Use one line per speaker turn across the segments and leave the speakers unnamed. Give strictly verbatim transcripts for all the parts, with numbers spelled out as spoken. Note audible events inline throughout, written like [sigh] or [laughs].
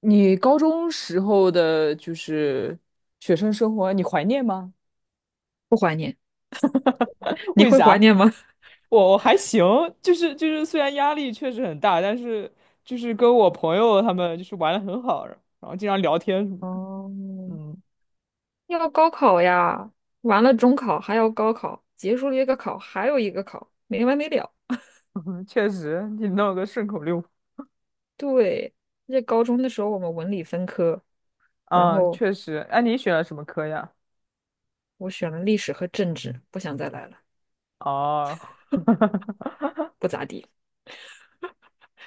你高中时候的就是学生生活，你怀念吗？
不怀念。
[laughs]
你
为
会怀
啥？
念吗？
我我还行，就是就是，虽然压力确实很大，但是就是跟我朋友他们就是玩的很好，然后经常聊天什么
[laughs] 哦，
的。嗯。
要高考呀，完了中考还要高考，结束了一个考还有一个考，没完没了。
[laughs] 确实，你弄个顺口溜。
对，在高中的时候我们文理分科，然
嗯，
后
确实。哎，你选了什么科呀？
我选了历史和政治，不想再来了，
哦。[laughs]
不咋地。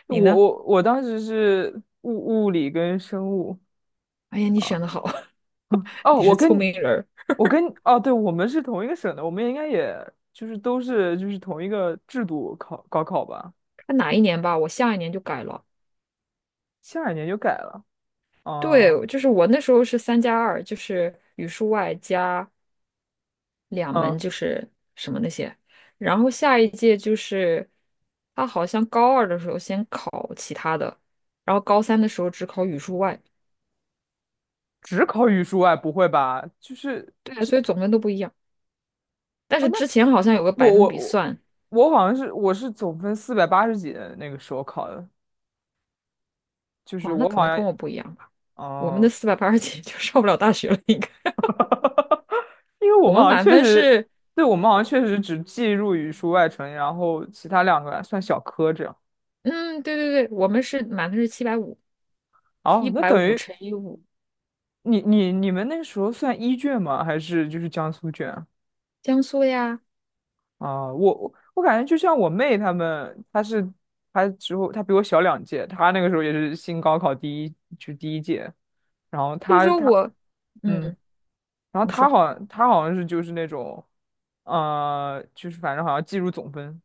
我
你呢？
我我当时是物物理跟生物
哎呀，你选
啊。
的好，[laughs]
嗯哦，
你是
我
聪
跟
明人儿。
我跟哦，对，我们是同一个省的，我们应该也就是都是就是同一个制度考高考吧？
看哪一年吧，我下一年就改了。
下一年就改了。哦。
对，就是我那时候是三加二，就是语数外加两
嗯，
门就是什么那些，然后下一届就是他好像高二的时候先考其他的，然后高三的时候只考语数外，
只考语数外，不会吧？就是
对啊，所以总分都不一样。但
哦，
是
那
之前好像有个
我
百分
我
比
我
算，
我好像是我是总分四百八十几的那个时候考的，就是
哦，那
我
可
好
能
像
跟我不一样吧。我们的
哦。
四百八十几 [laughs] 就上不了大学了，应该。
因为我
我
们
们
好像
满
确
分
实，
是，
对，我们好像确实只计入语数外成绩，然后其他两个算小科这样。
嗯，对对对，我们是满分是七百五，一
哦，那
百
等
五
于。
乘以五，
你你你们那个时候算一卷吗？还是就是江苏卷啊？
江苏的呀。
啊我我我感觉就像我妹她们，她是她之后她比我小两届，她那个时候也是新高考第一就第一届，然后
就是
她
说
她
我，
嗯，
嗯，
然后
你
她
说。
好像她好像是就是那种，呃，就是反正好像计入总分。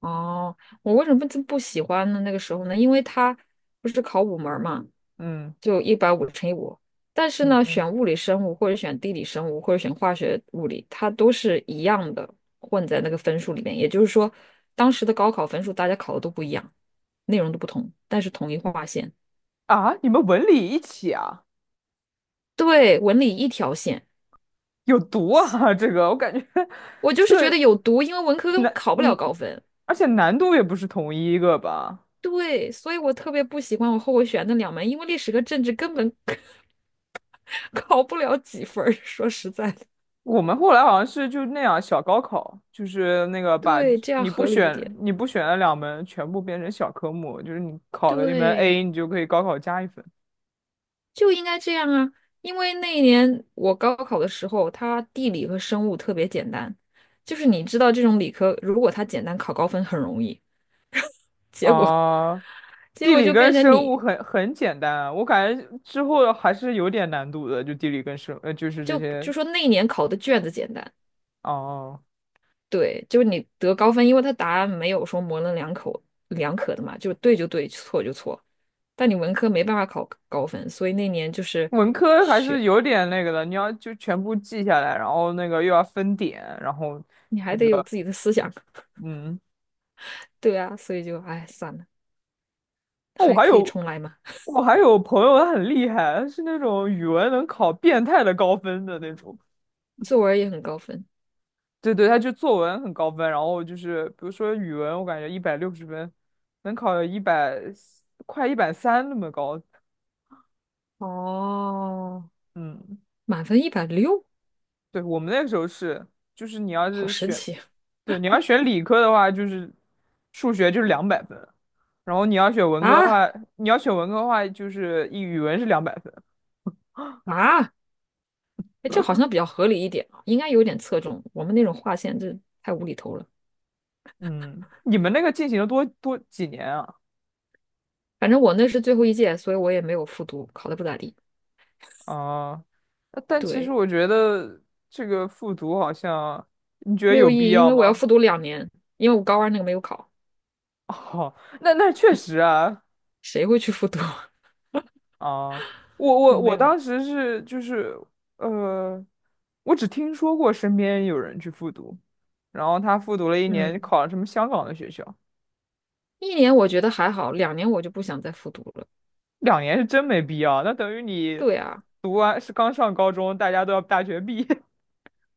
哦，我为什么就不喜欢呢？那个时候呢，因为他不是考五门儿嘛，
嗯
就一百五乘以五。但是
嗯。
呢，
嗯
选物理生物或者选地理生物或者选化学物理，它都是一样的，混在那个分数里面。也就是说，当时的高考分数大家考的都不一样，内容都不同，但是统一划线。
啊，你们文理一起啊？
对，文理一条线。
有毒啊！[laughs] 这个我感觉 [laughs]
我就
这
是觉
个
得有毒，因为文科根本
难。
考不了
嗯，
高分。
而且难度也不是同一个吧。
对，所以我特别不喜欢我后悔选那两门，因为历史和政治根本 [laughs] 考不了几分儿。说实在的，
我们后来好像是就那样小高考，就是那个把
对，这样
你不
合理一
选
点。
你不选的两门全部变成小科目，就是你考了一门
对，
A，你就可以高考加一分。
就应该这样啊。因为那一年我高考的时候，它地理和生物特别简单，就是你知道这种理科，如果它简单，考高分很容易。结果，
啊、
[laughs] 结
地
果
理
就
跟
变成
生物
你
很很简单啊，我感觉之后还是有点难度的，就地理跟生呃就是这
就
些。
就说那一年考的卷子简单，
哦。
对，就是你得高分，因为它答案没有说模棱两可两可的嘛，就是对就对，错就错。但你文科没办法考高分，所以那年就是
文科还是
学，
有点那个的，你要就全部记下来，然后那个又要分点，然后。
你还得有自己的思想。[laughs]
嗯。
对啊，所以就哎算了，
哦，我
还
还
可以
有
重来嘛。
我还有朋友，他很厉害，他是那种语文能考变态的高分的那种。
作文也很高分，
对对，他就作文很高分，然后就是比如说语文，我感觉一百六十分，能考一百快一百三那么高。
哦，
嗯，
满分一百六，
对，我们那个时候是，就是你要
好
是
神
选，
奇啊
对，你要选理科的话，就是数学就是两百分，然后你要选文科的
啊！
话，你要选文科的话，就是一语文是两百分。
啊哎，这好像比较合理一点啊，应该有点侧重。我们那种划线，这太无厘头了。
嗯，你们那个进行了多多几年啊？
反正我那是最后一届，所以我也没有复读，考的不咋地。
啊，那但其实
对。
我觉得这个复读好像，你觉得
没有
有
意
必
义，因
要
为我要
吗？
复读两年，因为我高二那个没有考，
[laughs] 哦，那那确实啊。
谁会去复读？[laughs]
啊，我
就
我
没
我
有。
当时是就是呃，我只听说过身边有人去复读，然后他复读了一年，
嗯，
考了什么香港的学校。
一年我觉得还好，两年我就不想再复读了。
两年是真没必要，那等于你
对啊，
读完是刚上高中，大家都要大学毕业。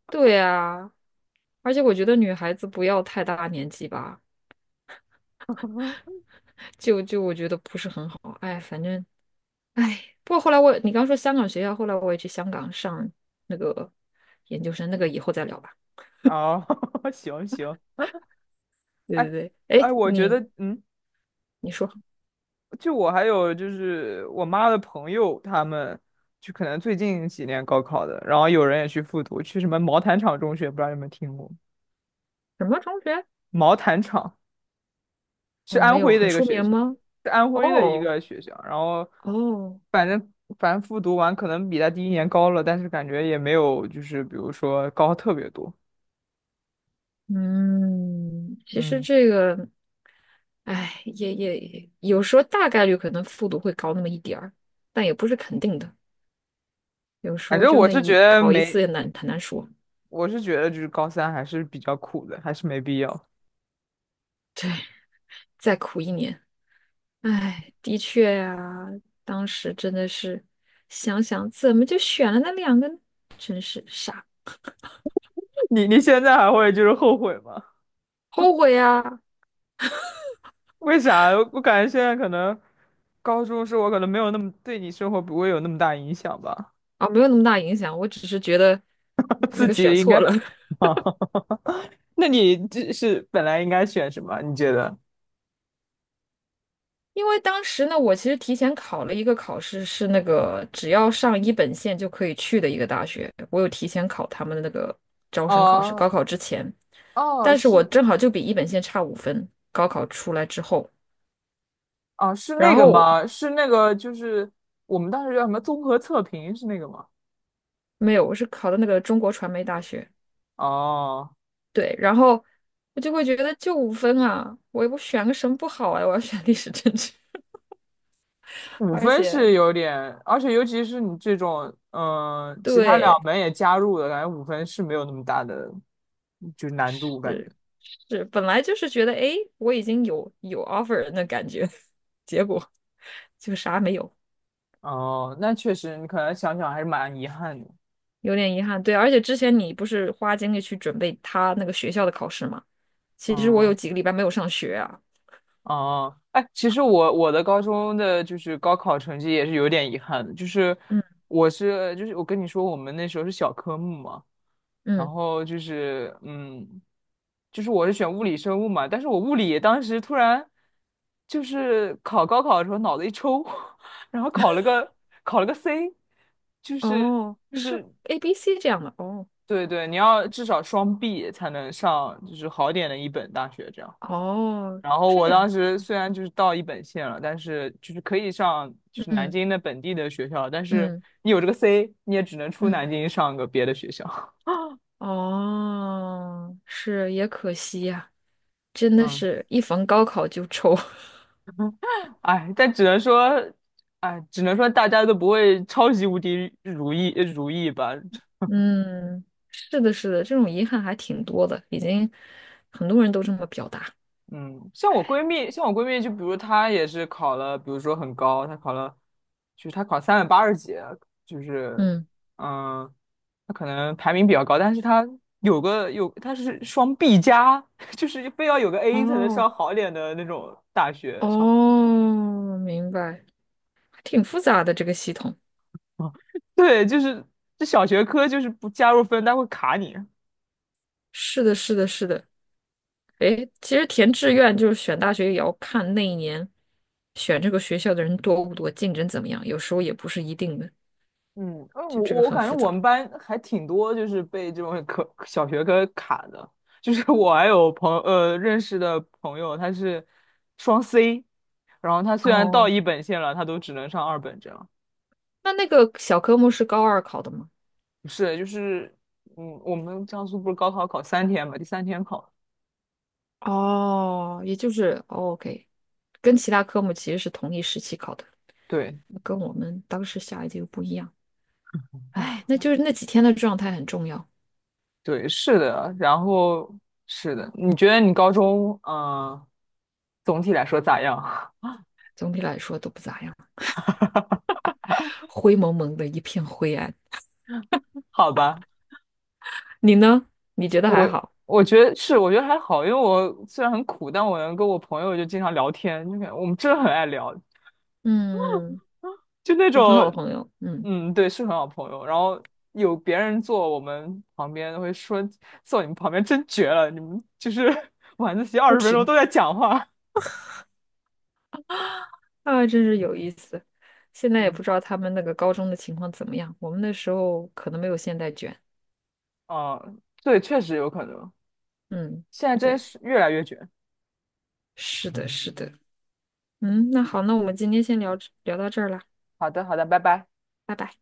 对啊，而且我觉得女孩子不要太大年纪吧，
[laughs]
就就我觉得不是很好。哎，反正哎，不过后来我你刚说香港学校，后来我也去香港上那个研究生，那个以后再聊吧。
啊。[laughs] 行行。
对
哎
对对，
哎，
哎，
我觉
你
得。嗯。
你说
就我还有就是我妈的朋友，他们就可能最近几年高考的，然后有人也去复读，去什么毛坦厂中学，不知道你有没有听过？
什么中学？
毛坦厂是
我没
安
有
徽的
很
一个
出
学
名
校，
吗？
是安徽的一
哦
个学校，然后
哦。
反正反正复读完可能比他第一年高了，但是感觉也没有就是比如说高特别多。
嗯，其实
嗯，
这个，哎，也也有时候大概率可能复读会高那么一点儿，但也不是肯定的。有时
反
候
正
就
我
那
是觉
一
得
考一次
没，
也难，很难说，
我是觉得就是高三还是比较苦的，还是没必要。
再苦一年。哎，的确呀、当时真的是想想怎么就选了那两个呢，真是傻，
[laughs] 你你现在还会就是后悔吗？
后悔呀！
为啥？我感觉现在可能高中是我可能没有那么对你生活不会有那么大影响吧。
啊，没有那么大影响，我只是觉得
[laughs]
那
自
个选
己应该。
错了。[laughs]
啊。[laughs] 那你这是本来应该选什么？你觉得？
因为当时呢，我其实提前考了一个考试，是那个只要上一本线就可以去的一个大学，我有提前考他们的那个招生考试，高
哦
考之前，
哦，
但是我
是
正好就比一本线差五分，高考出来之后，
哦，是
然
那个
后
吗？是那个，就是我们当时叫什么综合测评是那个吗？
没有，我是考的那个中国传媒大学，
哦，
对，然后我就会觉得就五分啊，我我选个什么不好啊，我要选历史政治，[laughs]
五
而
分
且
是有点，而且尤其是你这种，嗯、其他两
对。
门也加入了，感觉五分是没有那么大的，就是难度感觉。
是。是本来就是觉得，哎，我已经有有 offer 人的感觉，[laughs] 结果就啥没有，
哦，那确实，你可能想想还是蛮遗憾的。
有点遗憾。对，而且之前你不是花精力去准备他那个学校的考试吗？其实我有
嗯，
几个礼拜没有上学啊。
哦，哎，其实我我的高中的就是高考成绩也是有点遗憾的，就是
嗯
我是就是我跟你说，我们那时候是小科目嘛，然
嗯，
后就是嗯，就是我是选物理生物嘛，但是我物理当时突然就是考高考的时候脑子一抽。[laughs] 然后考了个考了个 C。就是
哦，
就
是
是
A B C 这样的，哦
对对，你要至少双 B 才能上，就是好点的一本大学这样。
哦，
然后
这
我当
样，
时虽然就是到一本线了，但是就是可以上就是南
嗯
京的本地的学校，但是
嗯
你有这个 C，你也只能出
嗯，
南京上个别的学校。[laughs]
哦，是也可惜呀、真的
嗯，
是一逢高考就抽。[laughs]
哎，但只能说，哎，只能说大家都不会超级无敌如意呃如意吧。
嗯，是的，是的，这种遗憾还挺多的，已经很多人都这么表达。
嗯，像我闺蜜，像我闺蜜，就比如她也是考了，比如说很高，她考了，就是她考三百八十几，就是。
嗯，
嗯，她可能排名比较高，但是她有个有，她是双 B 加，[laughs] 就是非要有个 A 才能上
哦，
好点的那种大学，上好。
哦，明白，挺复杂的这个系统。
[laughs] 对，就是这小学科就是不加入分，它会卡你。
是的，是的，是的。诶，其实填志愿就是选大学，也要看那一年选这个学校的人多不多，竞争怎么样，有时候也不是一定的，
嗯，呃我
就这个
我
很
感觉
复
我们
杂。
班还挺多，就是被这种科小学科卡的。就是 [laughs] 我还有朋呃认识的朋友，他是双 C，然后他虽然到
哦，
一本线了，他都只能上二本这样。
那那个小科目是高二考的吗？
不是，就是嗯，我们江苏不是高考考三天嘛，第三天考。
哦，也就是哦，OK，跟其他科目其实是同一时期考的。
对
跟我们当时下一届又不一样。哎，那就是那几天的状态很重要，
对，是的。然后是的，你觉得你高中嗯、呃总体来说咋样？
总体来说都不咋样，灰蒙蒙的一片灰暗。
[laughs] 好吧。
你呢？你觉得还
我
好？
我觉得是，我觉得还好，因为我虽然很苦，但我能跟我朋友就经常聊天，就感我们真的很爱聊，
嗯，
就那
有很好的
种。
朋友，嗯，
嗯，对，是很好朋友。然后有别人坐我们旁边，会说坐你们旁边真绝了，你们就是 [laughs] 晚自习二
不
十分钟
停
都在讲话。
啊，真是有意思。现在也
嗯，
不知道他们那个高中的情况怎么样，我们那时候可能没有现在卷。
啊，对，确实有可能，
嗯，
现在真
对，
是越来越卷。
是的，是的。嗯，那好，那我们今天先聊聊到这儿了，
好的，好的，拜拜。
拜拜。